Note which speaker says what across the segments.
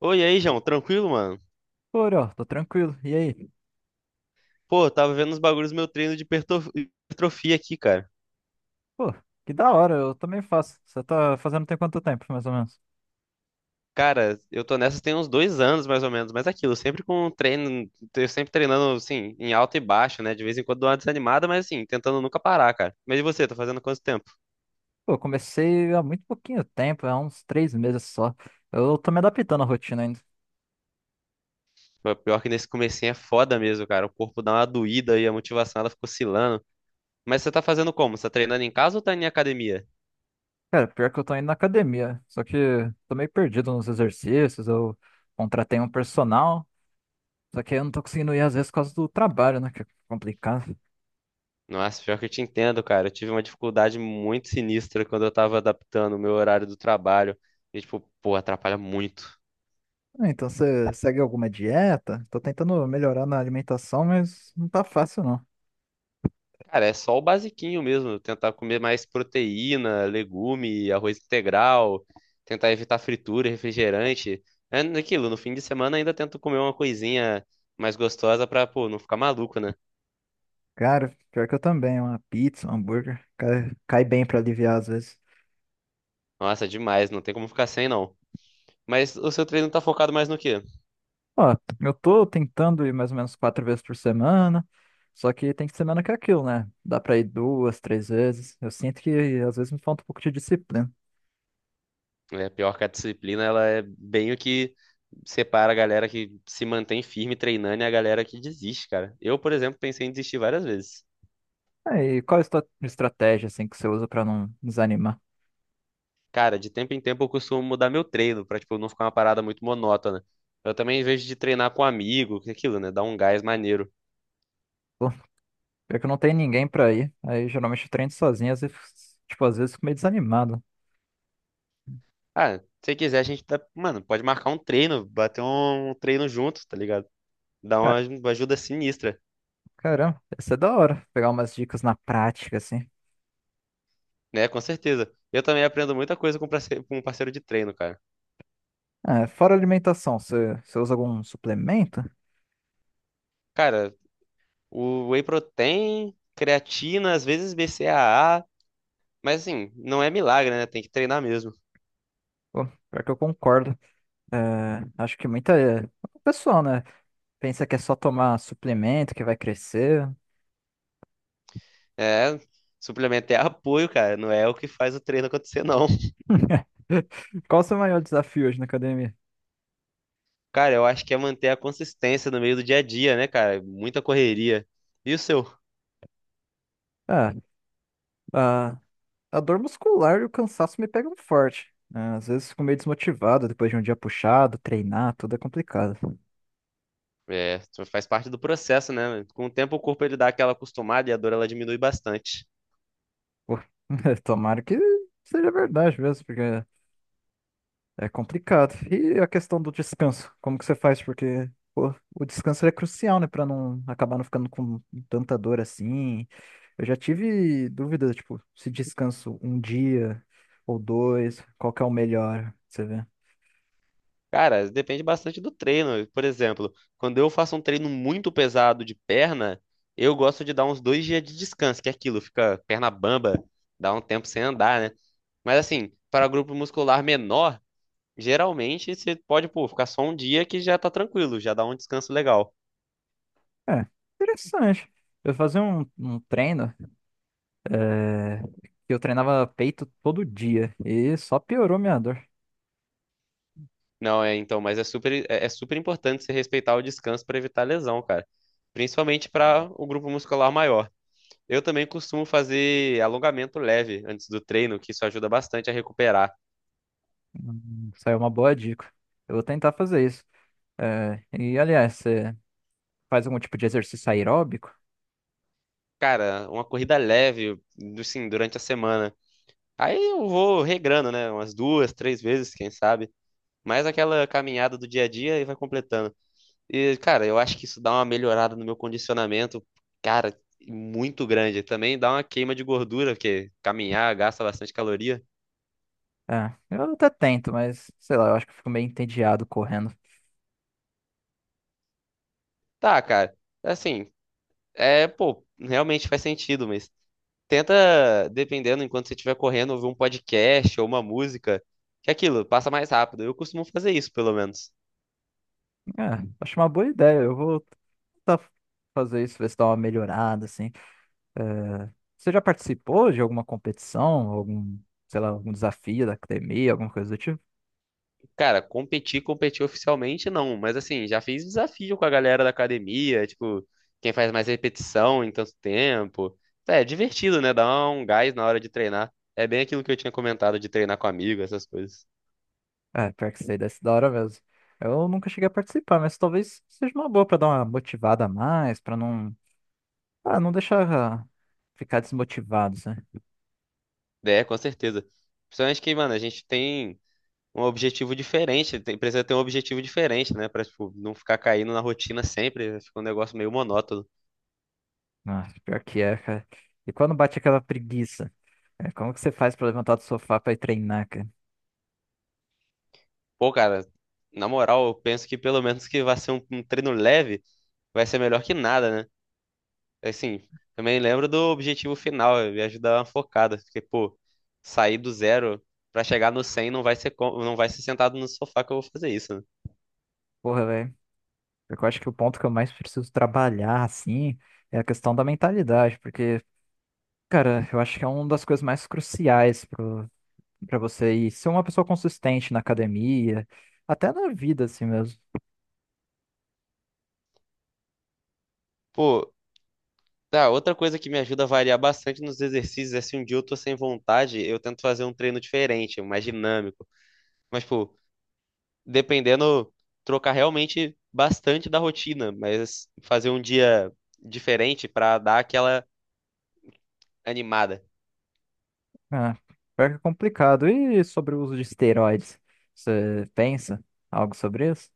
Speaker 1: Oi, e aí, João, tranquilo, mano?
Speaker 2: Pô, Uriel, tô tranquilo. E aí?
Speaker 1: Pô, eu tava vendo os bagulhos do meu treino de hipertrofia aqui, cara.
Speaker 2: Pô, que da hora, eu também faço. Você tá fazendo tem quanto tempo, mais ou menos?
Speaker 1: Cara, eu tô nessa tem uns dois anos, mais ou menos, mas é aquilo, sempre com treino, eu sempre treinando, assim, em alta e baixa, né? De vez em quando dou uma desanimada, mas assim, tentando nunca parar, cara. Mas e você, tá fazendo quanto tempo?
Speaker 2: Pô, comecei há muito pouquinho tempo, há uns 3 meses só. Eu tô me adaptando à rotina ainda.
Speaker 1: Pô, pior que nesse comecinho é foda mesmo, cara. O corpo dá uma doída e a motivação ela fica oscilando. Mas você tá fazendo como? Você tá treinando em casa ou tá em academia?
Speaker 2: Cara, pior que eu tô indo na academia, só que tô meio perdido nos exercícios, eu contratei um personal, só que eu não tô conseguindo ir às vezes por causa do trabalho, né, que é complicado.
Speaker 1: Nossa, pior que eu te entendo, cara. Eu tive uma dificuldade muito sinistra quando eu tava adaptando o meu horário do trabalho. E, tipo, pô, atrapalha muito.
Speaker 2: Ah, então você segue alguma dieta? Tô tentando melhorar na alimentação, mas não tá fácil.
Speaker 1: Cara, é só o basiquinho mesmo. Tentar comer mais proteína, legume, arroz integral. Tentar evitar fritura, refrigerante. É naquilo, no fim de semana ainda tento comer uma coisinha mais gostosa pra, pô, não ficar maluco, né?
Speaker 2: Cara, pior que eu também, uma pizza, um hambúrguer, cai bem pra aliviar às vezes.
Speaker 1: Nossa, demais. Não tem como ficar sem, não. Mas o seu treino tá focado mais no quê?
Speaker 2: Ó, eu tô tentando ir mais ou menos 4 vezes por semana, só que tem semana que é aquilo, né? Dá pra ir duas, três vezes. Eu sinto que às vezes me falta um pouco de disciplina.
Speaker 1: É pior que a disciplina, ela é bem o que separa a galera que se mantém firme treinando e a galera que desiste, cara. Eu, por exemplo, pensei em desistir várias vezes.
Speaker 2: Aí, qual é a estratégia, assim, que você usa pra não desanimar?
Speaker 1: Cara, de tempo em tempo eu costumo mudar meu treino pra, tipo, não ficar uma parada muito monótona. Eu também vejo de treinar com um amigo, que é aquilo, né? Dar um gás maneiro.
Speaker 2: Pô, pior que eu não tenho ninguém pra ir, aí geralmente eu treino sozinho, às vezes, tipo, às vezes eu fico meio desanimado.
Speaker 1: Ah, se quiser, a gente tá, mano, pode marcar um treino, bater um treino junto, tá ligado? Dá uma
Speaker 2: Cara,
Speaker 1: uma ajuda sinistra,
Speaker 2: caramba, ia ser da hora pegar umas dicas na prática, assim.
Speaker 1: né? Com certeza. Eu também aprendo muita coisa com com um parceiro de treino, cara.
Speaker 2: É, fora alimentação, você usa algum suplemento?
Speaker 1: Cara, o whey protein, creatina, às vezes BCAA, mas assim, não é milagre, né? Tem que treinar mesmo.
Speaker 2: Pô, pior que eu concordo. É, acho que muita pessoa, né, pensa que é só tomar suplemento que vai crescer.
Speaker 1: É, suplemento é apoio, cara, não é o que faz o treino acontecer, não.
Speaker 2: Qual o seu maior desafio hoje na academia?
Speaker 1: Cara, eu acho que é manter a consistência no meio do dia a dia, né, cara? Muita correria. E o seu?
Speaker 2: Ah, a, a dor muscular e o cansaço me pegam forte, né? Às vezes fico meio desmotivado depois de um dia puxado, treinar, tudo é complicado.
Speaker 1: É, faz parte do processo, né? Com o tempo o corpo ele dá aquela acostumada e a dor ela diminui bastante.
Speaker 2: Pô, tomara que seja verdade mesmo, porque é complicado. E a questão do descanso? Como que você faz? Porque pô, o descanso é crucial, né? Pra não acabar não ficando com tanta dor assim. Eu já tive dúvida, tipo, se descanso um dia ou dois, qual que é o melhor, você vê?
Speaker 1: Cara, depende bastante do treino. Por exemplo, quando eu faço um treino muito pesado de perna, eu gosto de dar uns dois dias de descanso, que é aquilo, fica perna bamba, dá um tempo sem andar, né? Mas assim, para grupo muscular menor, geralmente você pode, pô, ficar só um dia que já tá tranquilo, já dá um descanso legal.
Speaker 2: É, interessante. Eu fazia um treino, é, que eu treinava peito todo dia e só piorou minha dor.
Speaker 1: Não, é então, mas é super, é super importante você respeitar o descanso para evitar lesão, cara. Principalmente para o grupo muscular maior. Eu também costumo fazer alongamento leve antes do treino, que isso ajuda bastante a recuperar.
Speaker 2: Saiu uma boa dica. Eu vou tentar fazer isso. É, e aliás, você faz algum tipo de exercício aeróbico?
Speaker 1: Cara, uma corrida leve, assim, durante a semana. Aí eu vou regrando, né? Umas duas, três vezes, quem sabe. Mais aquela caminhada do dia a dia e vai completando. E, cara, eu acho que isso dá uma melhorada no meu condicionamento, cara, muito grande. Também dá uma queima de gordura, porque caminhar gasta bastante caloria.
Speaker 2: Ah, eu até tento, mas sei lá, eu acho que eu fico meio entediado correndo.
Speaker 1: Tá, cara, assim, é, pô, realmente faz sentido, mas tenta, dependendo, enquanto você estiver correndo, ouvir um podcast ou uma música, que é aquilo passa mais rápido. Eu costumo fazer isso, pelo menos.
Speaker 2: É, acho uma boa ideia. Eu vou tentar fazer isso, ver se dá uma melhorada, assim. É, você já participou de alguma competição, algum, sei lá, algum desafio da academia, alguma coisa do tipo?
Speaker 1: Cara, competir, competir oficialmente não, mas assim, já fiz desafio com a galera da academia, tipo, quem faz mais repetição em tanto tempo. É divertido, né? Dá um gás na hora de treinar. É bem aquilo que eu tinha comentado de treinar com amigo, essas coisas.
Speaker 2: É, pior que sei, deve ser da hora mesmo. Eu nunca cheguei a participar, mas talvez seja uma boa pra dar uma motivada a mais, pra não, não deixar ficar desmotivados, né?
Speaker 1: É, com certeza. Principalmente que, mano, a gente tem um objetivo diferente, precisa ter um objetivo diferente, né? Pra, tipo, não ficar caindo na rotina sempre, né? Fica um negócio meio monótono.
Speaker 2: Nossa, pior que é, cara. E quando bate aquela preguiça, como que você faz pra levantar do sofá pra ir treinar, cara?
Speaker 1: Pô, cara, na moral, eu penso que pelo menos que vai ser um treino leve, vai ser melhor que nada, né? Assim, também lembro do objetivo final, me ajudar uma focada, porque, pô, sair do zero pra chegar no 100 não vai ser, não vai ser sentado no sofá que eu vou fazer isso, né?
Speaker 2: Porra, velho. Porque eu acho que o ponto que eu mais preciso trabalhar, assim, é a questão da mentalidade, porque, cara, eu acho que é uma das coisas mais cruciais pra você ir ser uma pessoa consistente na academia, até na vida, assim mesmo.
Speaker 1: Pô, tá, outra coisa que me ajuda a variar bastante nos exercícios é se um dia eu tô sem vontade, eu tento fazer um treino diferente, mais dinâmico. Mas, pô, dependendo, trocar realmente bastante da rotina, mas fazer um dia diferente pra dar aquela animada.
Speaker 2: Ah, pior que é complicado. E sobre o uso de esteroides? Você pensa algo sobre isso?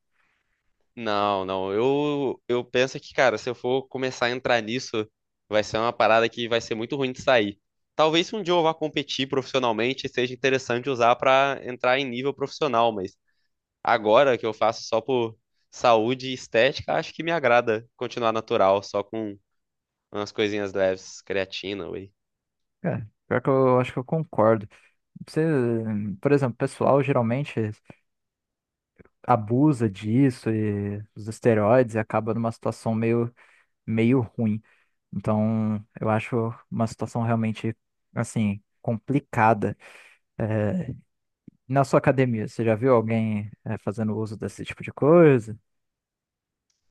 Speaker 1: Não, não. Eu penso que, cara, se eu for começar a entrar nisso, vai ser uma parada que vai ser muito ruim de sair. Talvez se um dia eu vá competir profissionalmente, seja interessante usar pra entrar em nível profissional, mas agora que eu faço só por saúde e estética, acho que me agrada continuar natural, só com umas coisinhas leves, creatina, whey.
Speaker 2: É, pior que eu acho que eu concordo. Você, por exemplo, o pessoal geralmente abusa disso e os esteroides e acaba numa situação meio, meio ruim. Então, eu acho uma situação realmente, assim, complicada. É, na sua academia, você já viu alguém, fazendo uso desse tipo de coisa?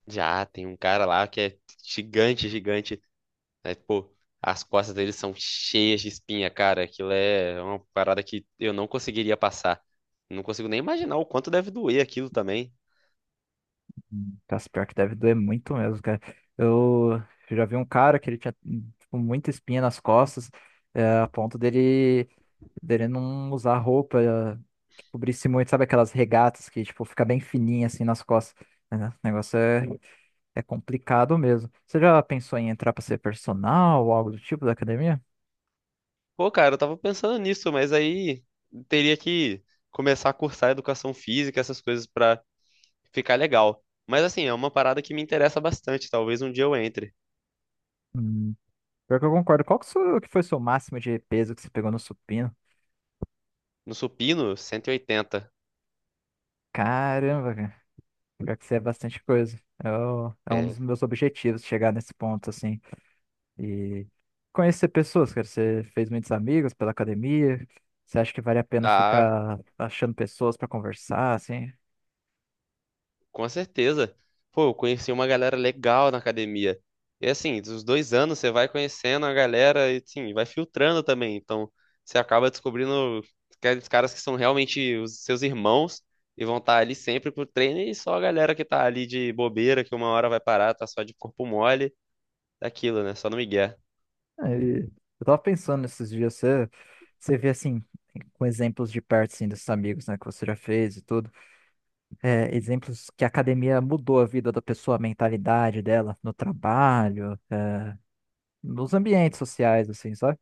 Speaker 1: Já tem um cara lá que é gigante, gigante. Né? Tipo, as costas dele são cheias de espinha, cara. Aquilo é uma parada que eu não conseguiria passar. Não consigo nem imaginar o quanto deve doer aquilo também.
Speaker 2: Nossa, pior que deve doer muito mesmo, cara. Eu já vi um cara que ele tinha, tipo, muita espinha nas costas, a ponto dele não usar roupa que cobrisse muito, sabe aquelas regatas que, tipo, fica bem fininha, assim, nas costas. É, né? O negócio é complicado mesmo. Você já pensou em entrar pra ser personal ou algo do tipo da academia?
Speaker 1: Pô, cara, eu tava pensando nisso, mas aí teria que começar a cursar educação física, essas coisas pra ficar legal. Mas assim, é uma parada que me interessa bastante. Talvez um dia eu entre.
Speaker 2: Hum, pior que eu concordo. Qual que, que foi o seu máximo de peso que você pegou no supino?
Speaker 1: No supino, 180.
Speaker 2: Caramba, pior que isso é bastante coisa. É, é um
Speaker 1: É.
Speaker 2: dos meus objetivos chegar nesse ponto, assim. E conhecer pessoas, cara. Você fez muitos amigos pela academia. Você acha que vale a pena
Speaker 1: Ah,
Speaker 2: ficar achando pessoas pra conversar, assim?
Speaker 1: com certeza. Pô, eu conheci uma galera legal na academia. E assim, dos dois anos você vai conhecendo a galera e sim, vai filtrando também. Então, você acaba descobrindo aqueles caras que são realmente os seus irmãos e vão estar ali sempre pro treino e só a galera que tá ali de bobeira, que uma hora vai parar, tá só de corpo mole, daquilo, né? Só no migué.
Speaker 2: Aí, eu tava pensando nesses dias, você vê, assim, com exemplos de perto, assim, desses amigos, né, que você já fez e tudo. É, exemplos que a academia mudou a vida da pessoa, a mentalidade dela no trabalho, nos ambientes sociais, assim, sabe?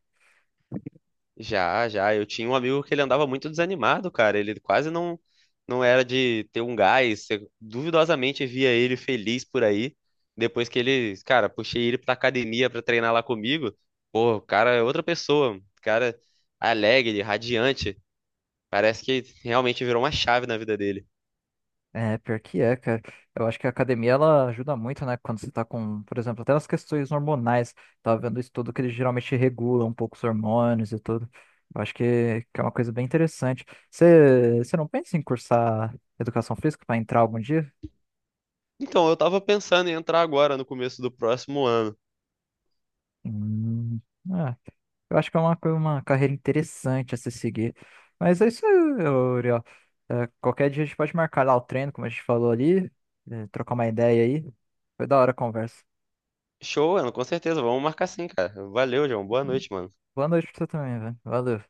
Speaker 1: Já, já. Eu tinha um amigo que ele andava muito desanimado, cara. Ele quase não era de ter um gás. Você duvidosamente via ele feliz por aí. Depois que ele, cara, puxei ele pra academia pra treinar lá comigo. Pô, o cara é outra pessoa. O cara alegre, radiante. Parece que realmente virou uma chave na vida dele.
Speaker 2: É, pior que é, cara. Eu acho que a academia ela ajuda muito, né? Quando você tá com, por exemplo, até nas questões hormonais. Tava vendo isso tudo que eles geralmente regulam um pouco os hormônios e tudo. Eu acho que é uma coisa bem interessante. Você não pensa em cursar educação física para entrar algum dia?
Speaker 1: Então, eu tava pensando em entrar agora no começo do próximo ano.
Speaker 2: Hum, ah, eu acho que é uma carreira interessante a se seguir. Mas é isso aí, ô, Uriel. É, qualquer dia a gente pode marcar lá o treino, como a gente falou ali, trocar uma ideia aí. Foi da hora a conversa.
Speaker 1: Show, Ana, com certeza. Vamos marcar sim, cara. Valeu, João. Boa noite, mano.
Speaker 2: Boa noite pra você também, velho. Valeu.